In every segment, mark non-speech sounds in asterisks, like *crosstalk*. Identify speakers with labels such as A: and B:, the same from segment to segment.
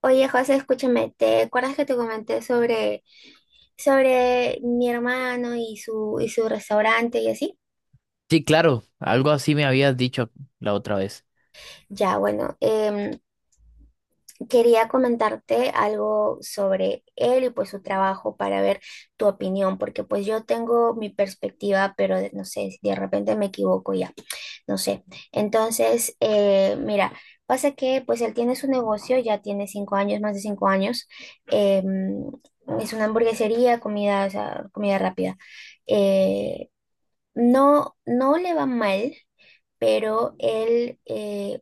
A: Oye, José, escúchame, ¿te acuerdas que te comenté sobre mi hermano y y su restaurante y así?
B: Sí, claro, algo así me habías dicho la otra vez.
A: Ya, bueno, quería comentarte algo sobre él y pues su trabajo para ver tu opinión, porque pues yo tengo mi perspectiva, pero no sé, de repente me equivoco ya. No sé. Entonces, mira, pasa que pues él tiene su negocio, ya tiene 5 años, más de 5 años. eh, es una hamburguesería, comida, o sea, comida rápida. Eh, no, no le va mal, pero él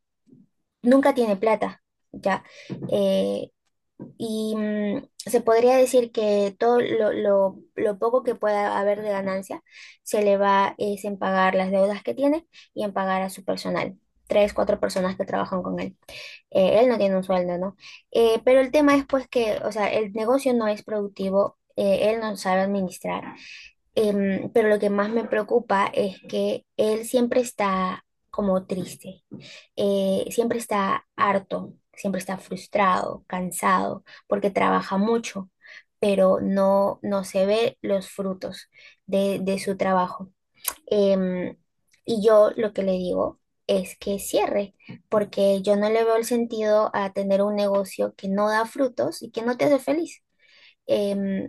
A: nunca tiene plata, ya. Eh, y se podría decir que todo lo poco que pueda haber de ganancia se le va es en pagar las deudas que tiene y en pagar a su personal. Tres, cuatro personas que trabajan con él. Él no tiene un sueldo, ¿no? Pero el tema es pues que, o sea, el negocio no es productivo, él no sabe administrar. Pero lo que más me preocupa es que él siempre está como triste, siempre está harto, siempre está frustrado, cansado, porque trabaja mucho, pero no, no se ve los frutos de su trabajo. Em, y yo lo que le digo es que cierre, porque yo no le veo el sentido a tener un negocio que no da frutos y que no te hace feliz. Em,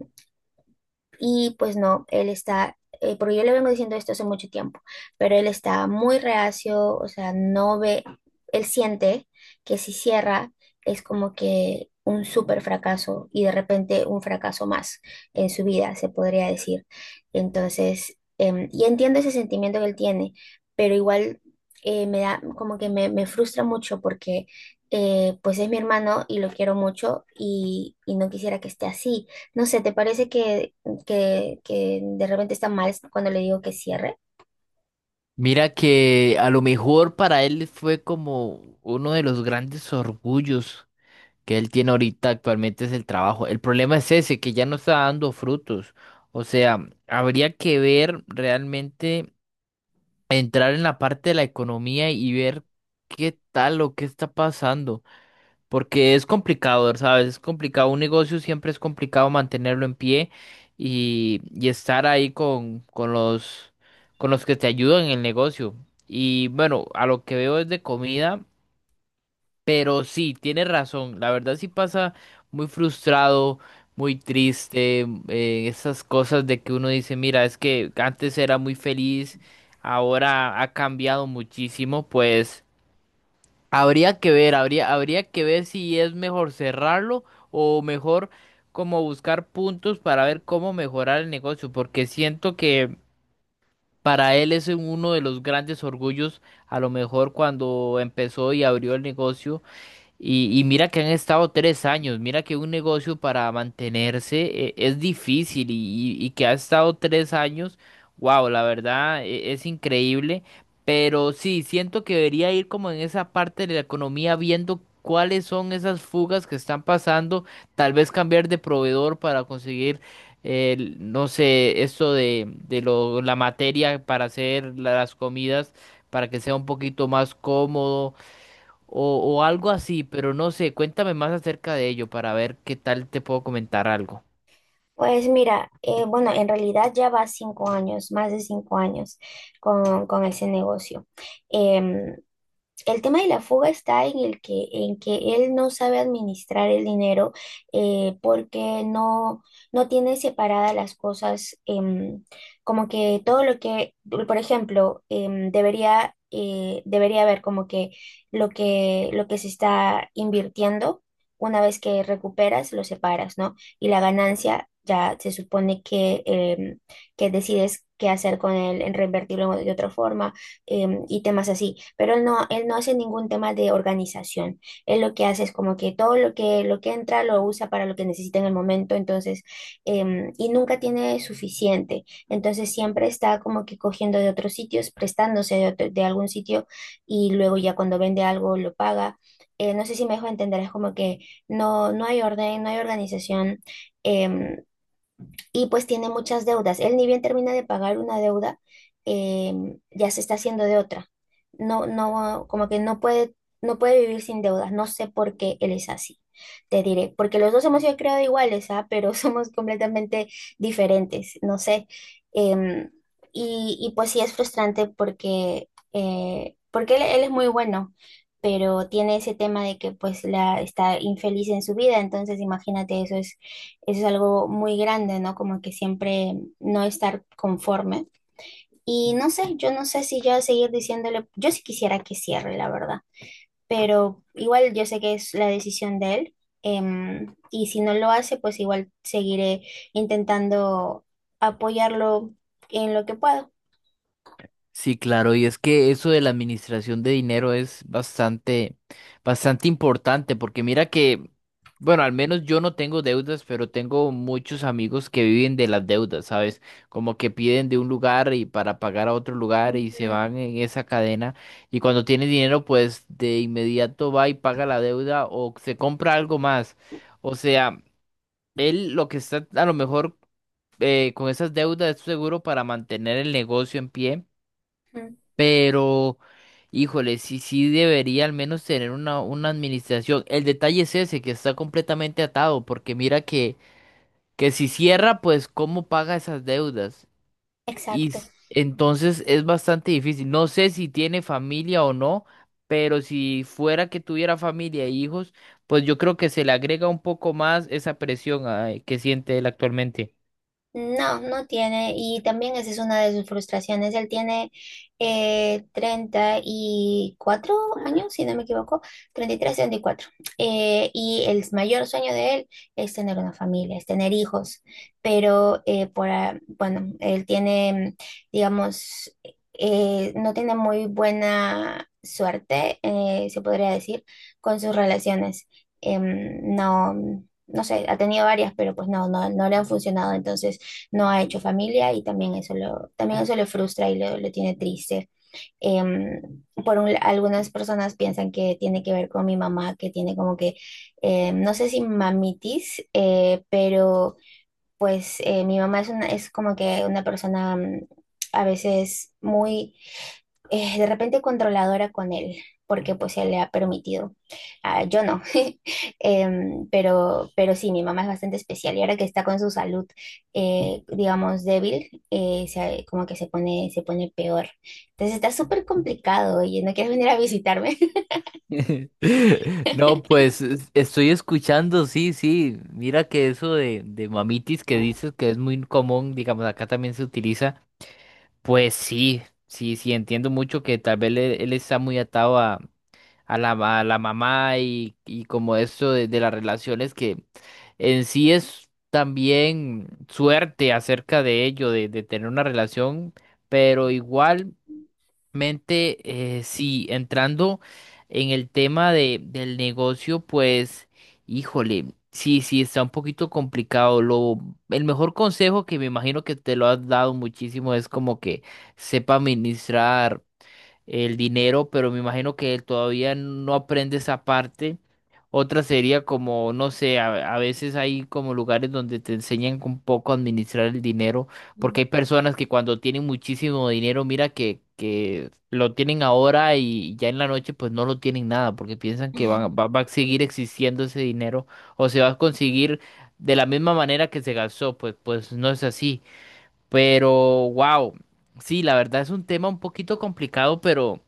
A: y pues no, él está, porque yo le vengo diciendo esto hace mucho tiempo, pero él está muy reacio, o sea, no ve, él siente que si cierra es como que un súper fracaso y de repente un fracaso más en su vida, se podría decir. Entonces, y entiendo ese sentimiento que él tiene, pero igual, me da, como que me frustra mucho porque pues es mi hermano y lo quiero mucho y no quisiera que esté así. No sé, ¿te parece que de repente está mal cuando le digo que cierre?
B: Mira que a lo mejor para él fue como uno de los grandes orgullos que él tiene ahorita actualmente es el trabajo. El problema es ese, que ya no está dando frutos. O sea, habría que ver realmente, entrar en la parte de la economía y ver qué tal o qué está pasando. Porque es complicado, ¿sabes? Es complicado. Un negocio siempre es complicado mantenerlo en pie y estar ahí con los que te ayudan en el negocio. Y bueno, a lo que veo es de comida, pero sí, tienes razón. La verdad sí pasa muy frustrado, muy triste, esas cosas de que uno dice, mira, es que antes era muy feliz, ahora ha cambiado muchísimo, pues. Habría que ver, habría que ver si es mejor cerrarlo o mejor como buscar puntos para ver cómo mejorar el negocio, porque siento que para él es uno de los grandes orgullos, a lo mejor cuando empezó y abrió el negocio. Y mira que han estado 3 años, mira que un negocio para mantenerse es difícil y que ha estado 3 años, wow, la verdad es, increíble, pero sí, siento que debería ir como en esa parte de la economía viendo cuáles son esas fugas que están pasando, tal vez cambiar de proveedor para conseguir, no sé, esto de la materia para hacer las comidas, para que sea un poquito más cómodo o algo así, pero no sé, cuéntame más acerca de ello para ver qué tal te puedo comentar algo.
A: Pues mira, bueno, en realidad ya va 5 años, más de 5 años con ese negocio. Em, El tema de la fuga está en en que él no sabe administrar el dinero, porque no, no tiene separadas las cosas. Como que todo lo que, por ejemplo, debería haber como que lo que se está invirtiendo, una vez que recuperas, lo separas, ¿no? Y la ganancia ya se supone que decides qué hacer con él, en reinvertirlo de otra forma, y temas así, pero él no hace ningún tema de organización. Él lo que hace es como que todo lo que entra lo usa para lo que necesita en el momento, entonces, y nunca tiene suficiente. Entonces siempre está como que cogiendo de otros sitios, prestándose de algún sitio y luego ya cuando vende algo lo paga. No sé si me dejo entender, es como que no, no hay orden, no hay organización. em, y pues tiene muchas deudas. Él ni bien termina de pagar una deuda, ya se está haciendo de otra. No, no, como que no puede, vivir sin deudas. No sé por qué él es así. Te diré, porque los dos hemos sido creados iguales, ¿ah? Pero *laughs* somos completamente diferentes, no sé. Em, y pues sí es frustrante porque, porque él es muy bueno, pero tiene ese tema de que pues la, está infeliz en su vida, entonces imagínate, eso es algo muy grande, ¿no? Como que siempre no estar conforme. Y no sé, yo no sé si yo seguir diciéndole, yo sí quisiera que cierre, la verdad, pero igual yo sé que es la decisión de él. Y si no lo hace, pues igual seguiré intentando apoyarlo en lo que puedo.
B: Sí, claro, y es que eso de la administración de dinero es bastante, bastante importante, porque mira que, bueno, al menos yo no tengo deudas, pero tengo muchos amigos que viven de las deudas, ¿sabes? Como que piden de un lugar y para pagar a otro lugar y se
A: Ujú,
B: van en esa cadena y cuando tiene dinero, pues de inmediato va y paga la deuda o se compra algo más. O sea, él lo que está a lo mejor con esas deudas es seguro para mantener el negocio en pie,
A: ujú.
B: pero híjole, sí, sí debería al menos tener una administración. El detalle es ese, que está completamente atado, porque mira que si cierra, pues cómo paga esas deudas. Y
A: Exacto.
B: entonces es bastante difícil. No sé si tiene familia o no, pero si fuera que tuviera familia e hijos, pues yo creo que se le agrega un poco más esa presión, que siente él actualmente.
A: No, no tiene, y también esa es una de sus frustraciones. Él tiene, 34 años, si no me equivoco, treinta y 34. Y el mayor sueño de él es tener una familia, es tener hijos, pero bueno, él tiene, digamos, no tiene muy buena suerte, se podría decir, con sus relaciones. No, no sé, ha tenido varias, pero pues no, no, no le han funcionado. Entonces, no ha hecho familia y también también eso le frustra y lo tiene triste. Algunas personas piensan que tiene que ver con mi mamá, que tiene como que, no sé, si mamitis, pero pues, mi mamá es, una, es como que una persona, a veces muy, de repente controladora con él, porque pues se le ha permitido. Ah, yo no, *laughs* pero sí, mi mamá es bastante especial y ahora que está con su salud, digamos, débil, como que se pone peor. Entonces está súper complicado. Oye, ¿no quieres venir a visitarme? *laughs*
B: *laughs* No, pues estoy escuchando, sí, sí. Mira que eso de mamitis que dices que es muy común, digamos, acá también se utiliza. Pues sí, sí, sí, entiendo mucho que tal vez él, está muy atado a la mamá y como eso de las relaciones que en sí es también suerte acerca de ello, de tener una relación, pero igual. Sí, entrando en el tema del negocio, pues, híjole, sí, sí, está un poquito complicado. El mejor consejo que me imagino que te lo has dado muchísimo es como que sepa administrar el dinero, pero me imagino que él todavía no aprende esa parte. Otra sería como, no sé, a veces hay como lugares donde te enseñan un poco a administrar el dinero,
A: Mm.
B: porque hay personas que cuando tienen muchísimo dinero, mira que lo tienen ahora y ya en la noche pues no lo tienen nada, porque piensan que
A: Ujú,
B: va a seguir existiendo ese dinero o se va a conseguir de la misma manera que se gastó, pues no es así. Pero, wow, sí, la verdad es un tema un poquito complicado, pero.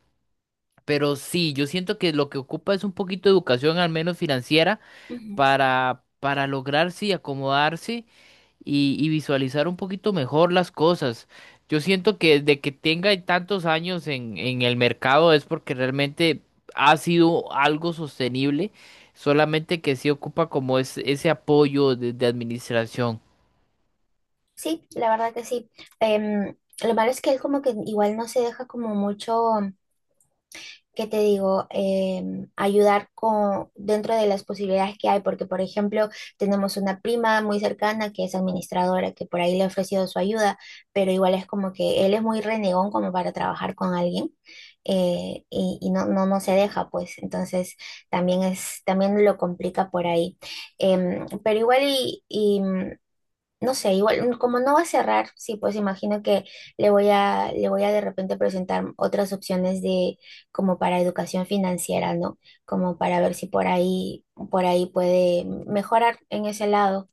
B: Pero sí, yo siento que lo que ocupa es un poquito de educación, al menos financiera,
A: ujú.
B: para lograr, sí, acomodarse y visualizar un poquito mejor las cosas. Yo siento que desde que tenga tantos años en el mercado es porque realmente ha sido algo sostenible, solamente que sí ocupa como es, ese apoyo de administración.
A: Sí, la verdad que sí. Em, lo malo es que él como que igual no se deja como mucho, ¿qué te digo? Ayudar con, dentro de las posibilidades que hay, porque por ejemplo tenemos una prima muy cercana que es administradora, que por ahí le he ofrecido su ayuda, pero igual es como que él es muy renegón como para trabajar con alguien. Y no, no, no se deja, pues entonces también es, también lo complica por ahí. Pero igual, no sé, igual, como no va a cerrar, sí, pues imagino que le voy a de repente presentar otras opciones de como para educación financiera, ¿no? Como para ver si por ahí, por ahí puede mejorar en ese lado.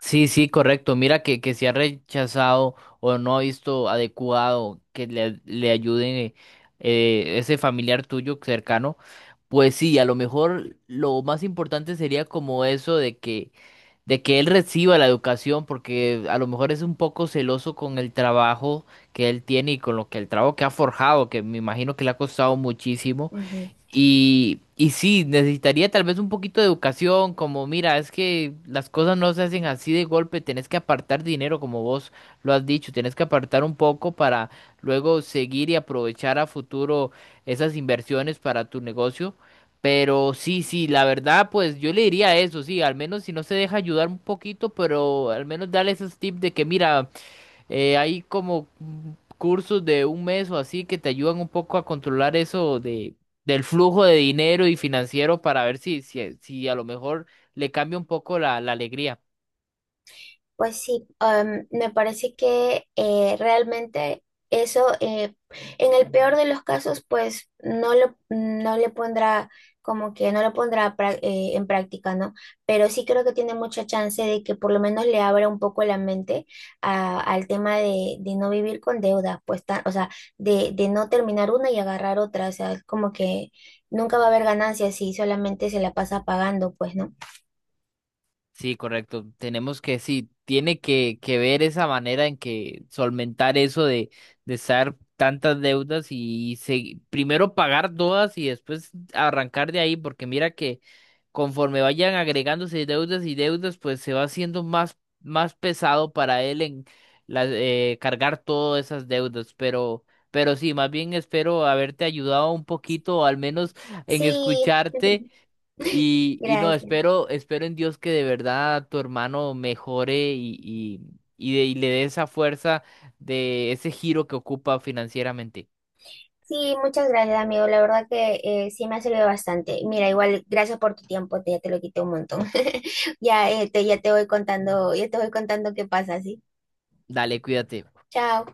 B: Sí, sí, correcto. Mira que se ha rechazado o no ha visto adecuado que le ayude ese familiar tuyo cercano. Pues sí, a lo mejor lo más importante sería como eso de que él reciba la educación, porque a lo mejor es un poco celoso con el trabajo que él tiene y con lo que el trabajo que ha forjado, que me imagino que le ha costado muchísimo.
A: Ujú.
B: Y sí, necesitaría tal vez un poquito de educación, como mira, es que las cosas no se hacen así de golpe, tenés que apartar dinero, como vos lo has dicho, tenés que apartar un poco para luego seguir y aprovechar a futuro esas inversiones para tu negocio. Pero sí, sí, la verdad, pues yo le diría eso, sí, al menos si no se deja ayudar un poquito, pero al menos dale esos tips de que mira, hay como cursos de un mes o así que te ayudan un poco a controlar eso del flujo de dinero y financiero para ver si, si a lo mejor le cambia un poco la alegría.
A: Pues sí, me parece que, realmente eso, en el peor de los casos, pues no le pondrá, como que no lo pondrá en práctica, ¿no? Pero sí creo que tiene mucha chance de que por lo menos le abra un poco la mente al tema de no vivir con deudas, pues, o sea, de, no terminar una y agarrar otra, o sea, es como que nunca va a haber ganancias si solamente se la pasa pagando, pues, ¿no?
B: Sí, correcto. Tenemos que, sí, tiene que ver esa manera en que solventar eso de estar tantas deudas y primero pagar todas y después arrancar de ahí, porque mira que conforme vayan agregándose deudas y deudas, pues se va haciendo más, más pesado para él en cargar todas esas deudas. Pero sí, más bien espero haberte ayudado un poquito, o al menos
A: Sí,
B: en escucharte
A: *laughs*
B: y no,
A: gracias.
B: espero en Dios que de verdad tu hermano mejore y le dé esa fuerza de ese giro que ocupa financieramente.
A: Sí, muchas gracias, amigo. La verdad que, sí me ha servido bastante. Mira, igual, gracias por tu tiempo, ya te lo quité un montón. *laughs* Ya, ya te voy contando, ya te voy contando qué pasa, ¿sí?
B: Dale, cuídate.
A: Chao.